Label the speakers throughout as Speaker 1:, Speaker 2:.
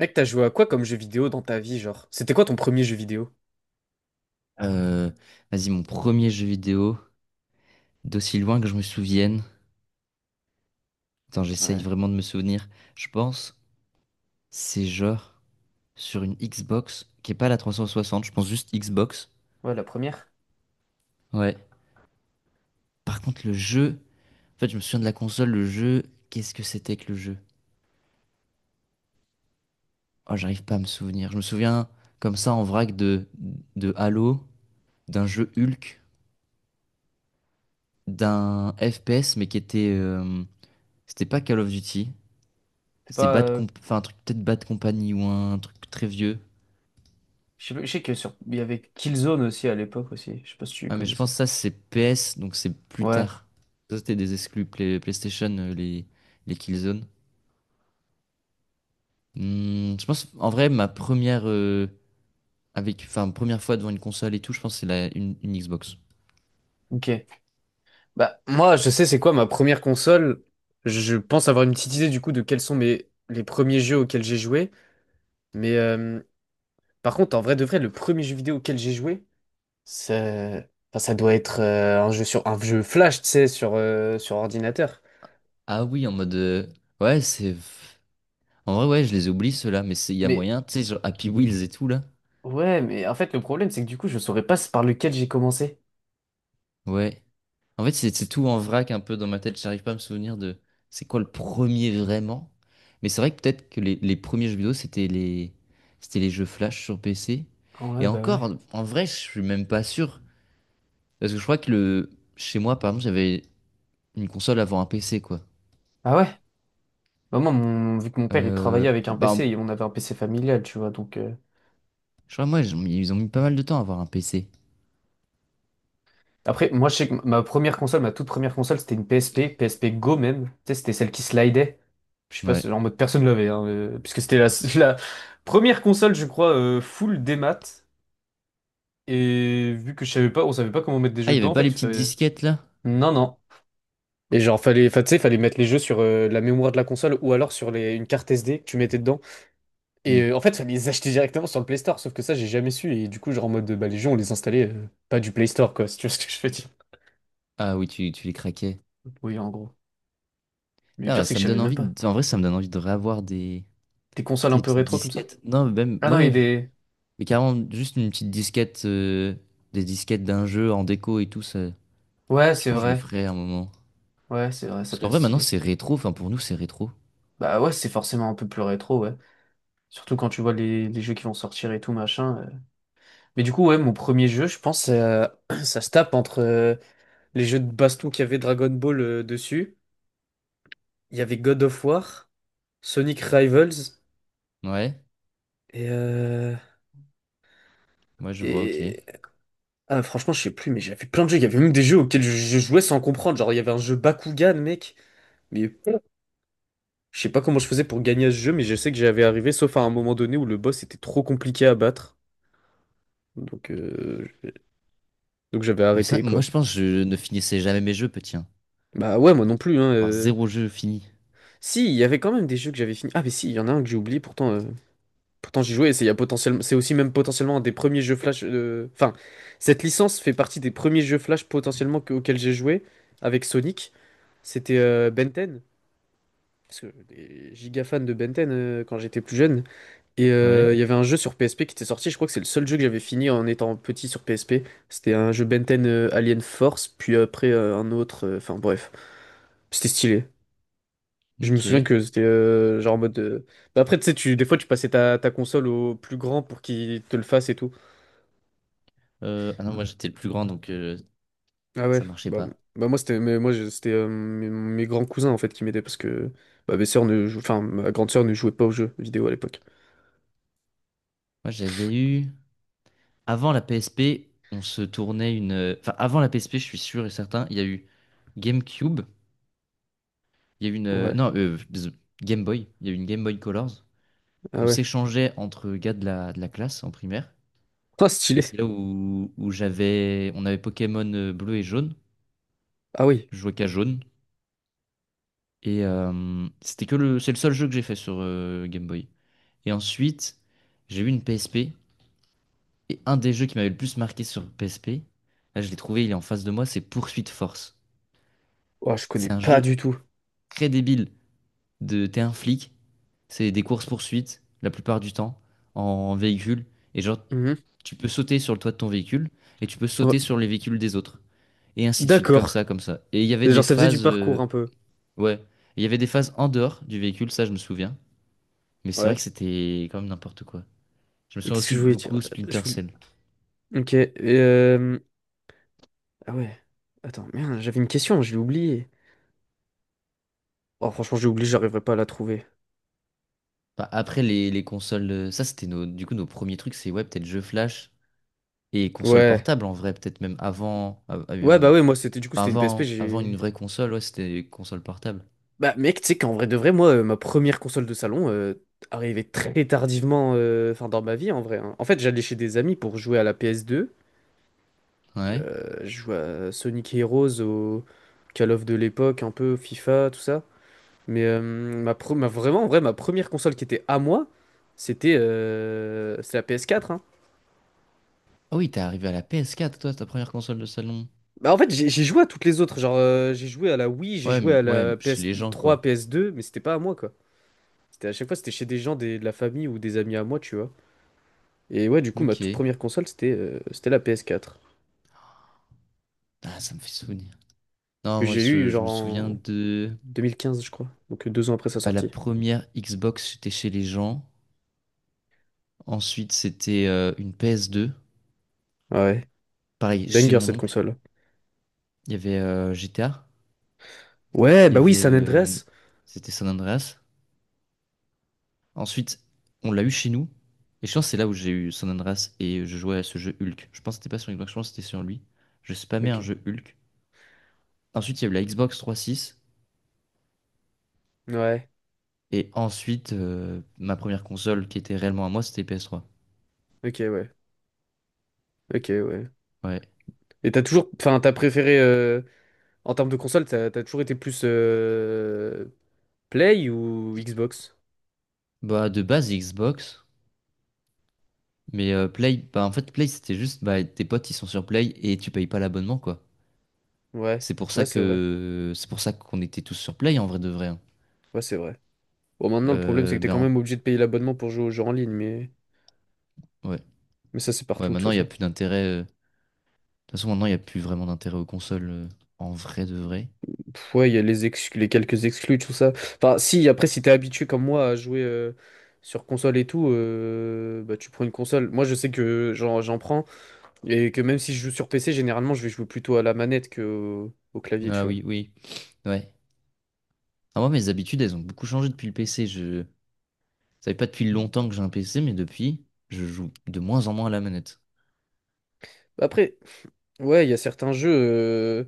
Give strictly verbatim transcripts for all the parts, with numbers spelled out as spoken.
Speaker 1: Mec, t'as joué à quoi comme jeu vidéo dans ta vie, genre? C'était quoi ton premier jeu vidéo?
Speaker 2: Euh, vas-y, mon premier jeu vidéo, d'aussi loin que je me souvienne. Attends, j'essaye
Speaker 1: Ouais,
Speaker 2: vraiment de me souvenir. Je pense, c'est genre sur une Xbox, qui est pas la trois cent soixante, je pense juste Xbox.
Speaker 1: ouais, la première.
Speaker 2: Ouais. Par contre, le jeu, en fait, je me souviens de la console, le jeu, qu'est-ce que c'était que le jeu? Oh, j'arrive pas à me souvenir. Je me souviens comme ça en vrac de, de Halo, d'un jeu Hulk, d'un F P S, mais qui était. Euh, c'était pas Call of Duty,
Speaker 1: C'est
Speaker 2: c'était
Speaker 1: pas,
Speaker 2: Bad
Speaker 1: euh,
Speaker 2: Comp, enfin, un truc, peut-être Bad Company ou un truc très vieux.
Speaker 1: je sais pas- je sais que sur... il y avait Killzone aussi à l'époque aussi. Je sais pas si tu
Speaker 2: Ah, mais je pense
Speaker 1: connaissais.
Speaker 2: que ça, c'est P S, donc c'est plus
Speaker 1: Ouais,
Speaker 2: tard. Ça, c'était des exclus Play- PlayStation, euh, les, les Killzone. Hmm, je pense, en vrai, ma première, euh, avec, enfin, première fois devant une console et tout, je pense que c'est la, une, une Xbox.
Speaker 1: ok. Bah, moi, je sais c'est quoi ma première console. Je pense avoir une petite idée du coup de quels sont mes les premiers jeux auxquels j'ai joué. Mais euh, par contre, en vrai de vrai, le premier jeu vidéo auquel j'ai joué, ça, enfin, ça doit être euh, un jeu sur un jeu flash, tu sais, sur, euh, sur ordinateur.
Speaker 2: Ah oui, en mode. Euh, ouais, c'est. En vrai, ouais, je les oublie, ceux-là, mais c'est- il y a
Speaker 1: Mais
Speaker 2: moyen, tu sais, genre Happy Wheels et tout, là.
Speaker 1: ouais, mais en fait, le problème, c'est que du coup, je saurais pas par lequel j'ai commencé.
Speaker 2: Ouais. En fait, c'est c'est tout en vrac un peu dans ma tête. J'arrive pas à me souvenir de c'est quoi le premier vraiment. Mais c'est vrai que peut-être que les, les premiers jeux vidéo, c'était les, c'était les jeux Flash sur P C.
Speaker 1: Ah, ouais,
Speaker 2: Et
Speaker 1: bah ouais.
Speaker 2: encore, en vrai, je suis même pas sûr. Parce que je crois que le, chez moi, par exemple, j'avais une console avant un P C, quoi.
Speaker 1: Ah ouais? Bah moi, mon- vu que mon père, il
Speaker 2: Euh,
Speaker 1: travaillait avec un
Speaker 2: bah,
Speaker 1: P C, et on avait un P C familial, tu vois, donc... euh,
Speaker 2: je crois, moi, ils ont mis ils ont mis pas mal de temps à avoir un P C.
Speaker 1: après, moi, je sais que ma première console, ma toute première console, c'était une P S P, P S P Go même. Tu sais, c'était celle qui slidait. Je sais pas,
Speaker 2: Ouais.
Speaker 1: c'est- en mode personne l'avait, hein, euh, puisque c'était la, la première console, je crois, euh, full démat. Et vu que je savais pas, on savait pas comment mettre des
Speaker 2: Ah,
Speaker 1: jeux
Speaker 2: il y avait
Speaker 1: dedans, en
Speaker 2: pas les
Speaker 1: fait, il
Speaker 2: petites
Speaker 1: fallait...
Speaker 2: disquettes, là?
Speaker 1: Non, non. Et genre, fallait, fa- tu sais, fallait mettre les jeux sur euh, la mémoire de la console ou alors sur les, une carte S D que tu mettais dedans. Et
Speaker 2: Hmm.
Speaker 1: euh, en fait, fallait les acheter directement sur le Play Store. Sauf que ça, j'ai jamais su. Et du coup, genre, en mode, bah, les jeux, on les installait euh, pas du Play Store, quoi, si tu vois ce que je veux dire.
Speaker 2: Ah oui, tu, tu les craquais.
Speaker 1: Oui, en gros. Mais le
Speaker 2: Ah,
Speaker 1: pire,
Speaker 2: bah,
Speaker 1: c'est que
Speaker 2: ça
Speaker 1: je
Speaker 2: me
Speaker 1: savais
Speaker 2: donne
Speaker 1: même
Speaker 2: envie,
Speaker 1: pas.
Speaker 2: de- en vrai, ça me donne envie de réavoir des,
Speaker 1: Des consoles un
Speaker 2: des
Speaker 1: peu
Speaker 2: petites
Speaker 1: rétro comme ça?
Speaker 2: disquettes. Non, mais même,
Speaker 1: Ah non, il y a
Speaker 2: ouais.
Speaker 1: des.
Speaker 2: Mais carrément, juste une petite disquette, euh, des disquettes d'un jeu en déco et tout, ça,
Speaker 1: Ouais,
Speaker 2: je
Speaker 1: c'est
Speaker 2: pense que je le
Speaker 1: vrai.
Speaker 2: ferai à un moment.
Speaker 1: Ouais, c'est vrai, ça
Speaker 2: Parce
Speaker 1: peut
Speaker 2: qu'en
Speaker 1: être
Speaker 2: vrai, maintenant,
Speaker 1: stylé.
Speaker 2: c'est rétro, enfin, pour nous, c'est rétro.
Speaker 1: Bah ouais, c'est forcément un peu plus rétro, ouais. Surtout quand tu vois les, les jeux qui vont sortir et tout, machin. euh. Mais du coup, ouais, mon premier jeu, je pense, euh, ça se tape entre les jeux de baston qu'il y avait Dragon Ball euh, dessus. Il y avait God of War, Sonic Rivals
Speaker 2: Ouais,
Speaker 1: et, euh,
Speaker 2: ouais, je vois, ok.
Speaker 1: et... Ah, franchement, je sais plus, mais j'avais plein de jeux. Il y avait même des jeux auxquels je, je jouais sans comprendre. Genre, il y avait un jeu Bakugan, mec. Mais je sais pas comment je faisais pour gagner à ce jeu, mais je sais que j'avais arrivé, sauf à un moment donné où le boss était trop compliqué à battre. Donc, euh, je- donc j'avais
Speaker 2: Mais c'est
Speaker 1: arrêté,
Speaker 2: vrai, moi,
Speaker 1: quoi.
Speaker 2: je pense que je ne finissais jamais mes jeux, petit, hein.
Speaker 1: Bah ouais, moi non plus, hein.
Speaker 2: Avoir
Speaker 1: euh.
Speaker 2: zéro jeu fini.
Speaker 1: Si, il y avait quand même des jeux que j'avais fini. Ah, mais si, il y en a un que j'ai oublié pourtant. euh, Pourtant, j'y jouais, et c'est il y a potentiellement, c'est aussi même potentiellement un des premiers jeux Flash. euh, Enfin, cette licence fait partie des premiers jeux Flash potentiellement que- auxquels j'ai joué avec Sonic. C'était euh, Ben dix, parce que j'étais giga fan de Ben dix euh, quand j'étais plus jeune. Et euh,
Speaker 2: Ouais,
Speaker 1: il y avait un jeu sur P S P qui était sorti. Je crois que c'est le seul jeu que j'avais fini en étant petit sur P S P. C'était un jeu Ben dix euh, Alien Force, puis après euh, un autre. euh, Enfin bref, c'était stylé. Je me souviens
Speaker 2: ok.
Speaker 1: que c'était euh, genre en mode. Euh, bah après, tu sais, tu- des fois, tu passais ta, ta console au plus grand pour qu'il te le fasse et tout.
Speaker 2: Euh, ah non, moi, j'étais le plus grand, donc euh,
Speaker 1: Ah ouais,
Speaker 2: ça marchait
Speaker 1: bah, bon.
Speaker 2: pas.
Speaker 1: Bah moi c'était, mais moi je- c'était euh, mes, mes grands cousins en fait qui m'aidaient parce que bah, mes sœurs ne jou- enfin ma grande sœur ne jouait pas aux jeux vidéo à l'époque.
Speaker 2: Moi, j'avais eu... Avant la P S P, on se tournait une... euh, enfin, avant la P S P, je suis sûr et certain, il y a eu GameCube, il y a eu une... euh,
Speaker 1: Ouais.
Speaker 2: Non, euh, Game Boy, il y a eu une Game Boy Colors,
Speaker 1: Ah
Speaker 2: qu'on
Speaker 1: ouais.
Speaker 2: s'échangeait entre gars de la, de la classe en primaire.
Speaker 1: Oh
Speaker 2: Et c'est
Speaker 1: stylé.
Speaker 2: là où, où j'avais, on avait Pokémon euh, bleu et jaune.
Speaker 1: Ah oui.
Speaker 2: Je jouais qu'à jaune. Et euh, c'était que le, c'est le seul jeu que j'ai fait sur euh, Game Boy. Et ensuite, j'ai eu une P S P. Et un des jeux qui m'avait le plus marqué sur P S P, là je l'ai trouvé, il est en face de moi, c'est Poursuite Force.
Speaker 1: Oh, je connais
Speaker 2: C'est un
Speaker 1: pas
Speaker 2: jeu
Speaker 1: du tout.
Speaker 2: très débile. De, t'es un flic, c'est des courses-poursuites la plupart du temps en véhicule. Et genre,
Speaker 1: Mhm.
Speaker 2: tu peux sauter sur le toit de ton véhicule et tu peux
Speaker 1: Ouais.
Speaker 2: sauter sur les véhicules des autres. Et ainsi de suite, comme
Speaker 1: D'accord.
Speaker 2: ça, comme ça. Et il y avait des
Speaker 1: Genre ça faisait du
Speaker 2: phases,
Speaker 1: parcours un
Speaker 2: euh,
Speaker 1: peu.
Speaker 2: ouais, il y avait des phases en dehors du véhicule, ça je me souviens. Mais c'est vrai que
Speaker 1: Ouais.
Speaker 2: c'était quand même n'importe quoi. Je me
Speaker 1: Mais
Speaker 2: souviens
Speaker 1: qu'est-ce que
Speaker 2: aussi
Speaker 1: je
Speaker 2: de
Speaker 1: voulais dire?
Speaker 2: beaucoup
Speaker 1: Euh, Je
Speaker 2: Splinter
Speaker 1: voulais.
Speaker 2: Cell.
Speaker 1: OK. Et, euh, ah ouais. Attends, merde, j'avais une question, je l'ai oubliée. Oh, franchement, j'ai oublié, j'arriverai pas à la trouver.
Speaker 2: Enfin, après les, les consoles, euh, ça c'était nos, du coup nos premiers trucs, c'est ouais, peut-être jeux flash et consoles
Speaker 1: Ouais.
Speaker 2: portables en vrai, peut-être même avant, av-
Speaker 1: Ouais, bah
Speaker 2: avant,
Speaker 1: ouais, moi c'était du coup c'était une P S P,
Speaker 2: avant, avant une
Speaker 1: j'ai.
Speaker 2: vraie console, ouais, c'était console portable.
Speaker 1: Bah mec, tu sais qu'en vrai de vrai, moi, euh, ma première console de salon euh, arrivait très tardivement, euh, enfin dans ma vie en vrai, hein. En fait, j'allais chez des amis pour jouer à la P S deux.
Speaker 2: Ouais.
Speaker 1: Euh, je jouais à Sonic Heroes, au Call of de l'époque, un peu FIFA, tout ça. Mais euh, ma, pre- ma- vraiment, en vrai, ma première console qui était à moi, c'était euh, c'est la P S quatre, hein.
Speaker 2: Ah oui, t'es arrivé à la P S quatre, toi, ta première console de salon.
Speaker 1: Bah en fait, j'ai j'ai joué à toutes les autres. Genre, euh, j'ai joué à la Wii, j'ai
Speaker 2: Ouais,
Speaker 1: joué
Speaker 2: m-
Speaker 1: à la
Speaker 2: ouais, chez les gens,
Speaker 1: P S trois,
Speaker 2: quoi.
Speaker 1: P S deux, mais c'était pas à moi quoi. C'était à chaque fois, c'était chez des gens des- de la famille ou des amis à moi, tu vois. Et ouais, du coup, ma toute
Speaker 2: Ok.
Speaker 1: première console, c'était euh, c'était la P S quatre,
Speaker 2: Ah, ça me fait souvenir. Non,
Speaker 1: que
Speaker 2: moi,
Speaker 1: j'ai
Speaker 2: je,
Speaker 1: eue
Speaker 2: je
Speaker 1: genre
Speaker 2: me souviens
Speaker 1: en
Speaker 2: de...
Speaker 1: deux mille quinze, je crois. Donc euh, deux ans après sa
Speaker 2: bah, la
Speaker 1: sortie.
Speaker 2: première Xbox, c'était chez les gens. Ensuite, c'était euh, une ps deux,
Speaker 1: Ouais.
Speaker 2: pareil, chez
Speaker 1: Banger
Speaker 2: mon
Speaker 1: cette
Speaker 2: oncle.
Speaker 1: console.
Speaker 2: Il y avait euh, G T A.
Speaker 1: Ouais,
Speaker 2: Il y
Speaker 1: bah oui,
Speaker 2: avait...
Speaker 1: San
Speaker 2: euh,
Speaker 1: Andreas.
Speaker 2: c'était San Andreas. Ensuite, on l'a eu chez nous. Et je pense que c'est là où j'ai eu San Andreas et je jouais à ce jeu Hulk. Je pense que c'était pas sur Xbox, je pense que c'était sur lui. Je spammais
Speaker 1: Ok.
Speaker 2: un jeu Hulk. Ensuite, il y a eu la Xbox trois six.
Speaker 1: Ouais.
Speaker 2: Et ensuite, euh, ma première console qui était réellement à moi, c'était ps trois.
Speaker 1: Ok, ouais. Ok, ouais.
Speaker 2: Ouais.
Speaker 1: Et t'as toujours. Enfin, t'as préféré, euh, en termes de console, t'as t'as toujours été plus euh, Play ou Xbox?
Speaker 2: Bah, de base, Xbox. Mais euh, Play, bah, en fait, Play, c'était juste, bah, tes potes, ils sont sur Play et tu payes pas l'abonnement, quoi.
Speaker 1: Ouais.
Speaker 2: C'est pour ça
Speaker 1: Ouais, c'est vrai.
Speaker 2: que, c'est pour ça qu'on était tous sur Play, en vrai de vrai, hein.
Speaker 1: Ouais, c'est vrai. Bon, maintenant, le problème, c'est
Speaker 2: Euh,
Speaker 1: que t'es
Speaker 2: mais
Speaker 1: quand
Speaker 2: en-
Speaker 1: même obligé de payer l'abonnement pour jouer aux jeux en ligne, mais,
Speaker 2: ouais.
Speaker 1: mais ça, c'est
Speaker 2: Ouais,
Speaker 1: partout, de toute
Speaker 2: maintenant, il y a
Speaker 1: façon.
Speaker 2: plus d'intérêt. euh, De toute façon, maintenant, il y a plus vraiment d'intérêt aux consoles, euh, en vrai de vrai.
Speaker 1: Pff, ouais, il y a les, exclus, les quelques exclus, tout ça. Enfin, si, après, si t'es habitué comme moi à jouer euh, sur console et tout, euh, bah, tu prends une console. Moi, je sais que j'en j'en prends et que même si je joue sur P C, généralement, je vais jouer plutôt à la manette que au, au clavier, tu
Speaker 2: Ah
Speaker 1: vois.
Speaker 2: oui, oui. Ouais. Ah, moi, mes habitudes, elles ont beaucoup changé depuis le P C. Je savais pas depuis longtemps que j'ai un P C, mais depuis, je joue de moins en moins à la manette.
Speaker 1: Après, ouais, il y a certains jeux, euh,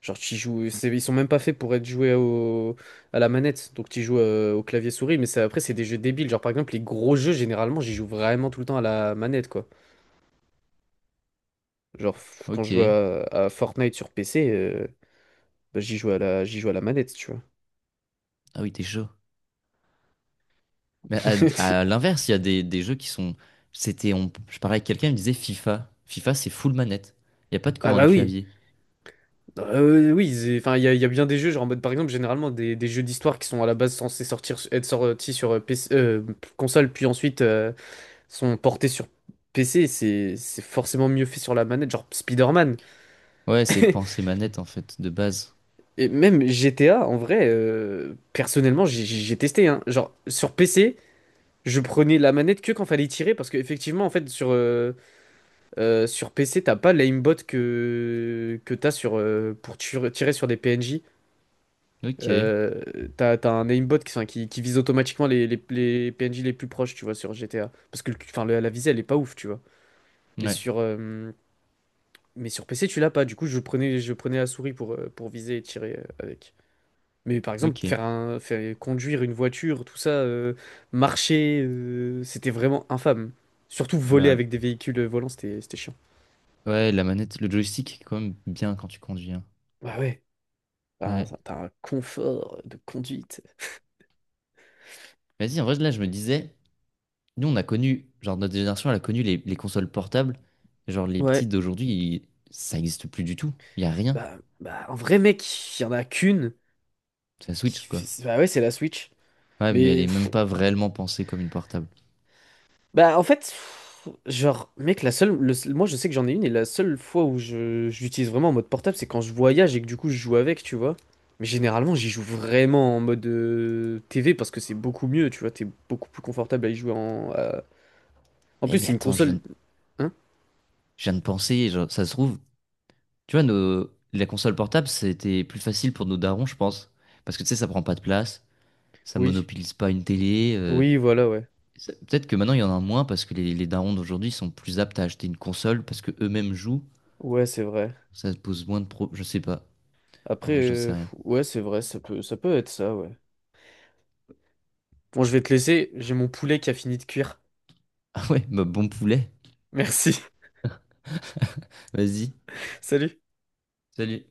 Speaker 1: genre, tu joues, c'est- ils sont même pas faits pour être joués au, à la manette, donc tu joues euh, au clavier souris, mais ça, après, c'est des jeux débiles. Genre, par exemple, les gros jeux, généralement, j'y joue vraiment tout le temps à la manette, quoi. Genre, f- quand je joue
Speaker 2: Ok.
Speaker 1: à, à Fortnite sur P C. euh, Bah, j'y joue à la, j'y joue à la manette, tu vois.
Speaker 2: Ah oui, t'es chaud. Mais à, à l'inverse, il y a des, des jeux qui sont. C'était, on, je parlais avec quelqu'un, il me disait FIFA. FIFA, c'est full manette. Il n'y a pas de
Speaker 1: Ah
Speaker 2: commande
Speaker 1: bah oui.
Speaker 2: clavier.
Speaker 1: Euh, oui, c'est- enfin, il y a, il y a bien des jeux, genre en mode par exemple, généralement des, des jeux d'histoire qui sont à la base censés sortir, être sortis sur euh, P C, euh, console, puis ensuite euh, sont portés sur P C, c'est c'est forcément mieux fait sur la manette, genre Spider-Man.
Speaker 2: Ouais, c'est pensée manette en fait, de base.
Speaker 1: Et même G T A, en vrai, euh, personnellement, j'ai j'ai- j'ai testé, hein. Genre, sur P C, je prenais la manette que quand fallait tirer, parce qu'effectivement, en fait, sur, euh, Euh, sur P C, t'as pas l'aimbot que, que t'as sur, euh, pour ture- tirer sur des P N J.
Speaker 2: Ok.
Speaker 1: Euh, t'as, t'as un aimbot qui, enfin, qui, qui vise automatiquement les, les, les P N J les plus proches, tu vois, sur G T A. Parce que le- enfin, la, la visée, elle est pas ouf, tu vois. Mais
Speaker 2: Ouais.
Speaker 1: sur, euh, mais sur P C, tu l'as pas. Du coup, je prenais, je prenais la souris pour, euh, pour viser et tirer euh, avec. Mais par exemple,
Speaker 2: Ok.
Speaker 1: faire un, faire, conduire une voiture, tout ça, euh, marcher, euh, c'était vraiment infâme. Surtout voler
Speaker 2: Bah,
Speaker 1: avec des véhicules volants, c'était, c'était chiant.
Speaker 2: ouais, la manette, le joystick est quand même bien quand tu conduis, hein.
Speaker 1: Bah ouais. T'as un,
Speaker 2: Ouais.
Speaker 1: t'as un confort de conduite.
Speaker 2: Vas-y, en vrai, là, je me disais, nous, on a connu, genre, notre génération, elle a connu les, les consoles portables. Genre, les petites
Speaker 1: Ouais.
Speaker 2: d'aujourd'hui, ils- ça n'existe plus du tout. Il n'y a rien.
Speaker 1: Bah, bah, un vrai mec, il y en a qu'une.
Speaker 2: C'est la Switch,
Speaker 1: Qui...
Speaker 2: quoi.
Speaker 1: Bah ouais, c'est la Switch.
Speaker 2: Ouais, mais elle
Speaker 1: Mais,
Speaker 2: est
Speaker 1: pff,
Speaker 2: même pas réellement pensée comme une portable.
Speaker 1: bah en fait, pff, genre, mec, la seule, le seul- moi je sais que j'en ai une et la seule fois où je, je l'utilise vraiment en mode portable, c'est quand je voyage et que du coup je joue avec, tu vois. Mais généralement, j'y joue vraiment en mode euh, T V parce que c'est beaucoup mieux, tu vois. T'es beaucoup plus confortable à y jouer en. euh, En
Speaker 2: Eh,
Speaker 1: plus,
Speaker 2: mais
Speaker 1: c'est une
Speaker 2: attends, je viens
Speaker 1: console.
Speaker 2: de
Speaker 1: Hein?
Speaker 2: je viens de penser, genre, ça se trouve, tu vois, nos... la console portable, c'était plus facile pour nos darons, je pense. Parce que tu sais, ça prend pas de place, ça
Speaker 1: Oui.
Speaker 2: monopolise pas une télé. euh,
Speaker 1: Oui, voilà, ouais.
Speaker 2: ça- Peut-être que maintenant, il y en a moins parce que les, les darons d'aujourd'hui sont plus aptes à acheter une console parce que eux-mêmes jouent.
Speaker 1: Ouais, c'est vrai.
Speaker 2: Ça pose moins de pro... Je sais pas. En
Speaker 1: Après,
Speaker 2: vrai, j'en
Speaker 1: euh,
Speaker 2: sais rien.
Speaker 1: pff, ouais, c'est vrai, ça peut, ça peut être ça, ouais. Bon, je vais te laisser, j'ai mon poulet qui a fini de cuire.
Speaker 2: Ah ouais, bah bon poulet.
Speaker 1: Merci,
Speaker 2: Vas-y.
Speaker 1: salut.
Speaker 2: Salut.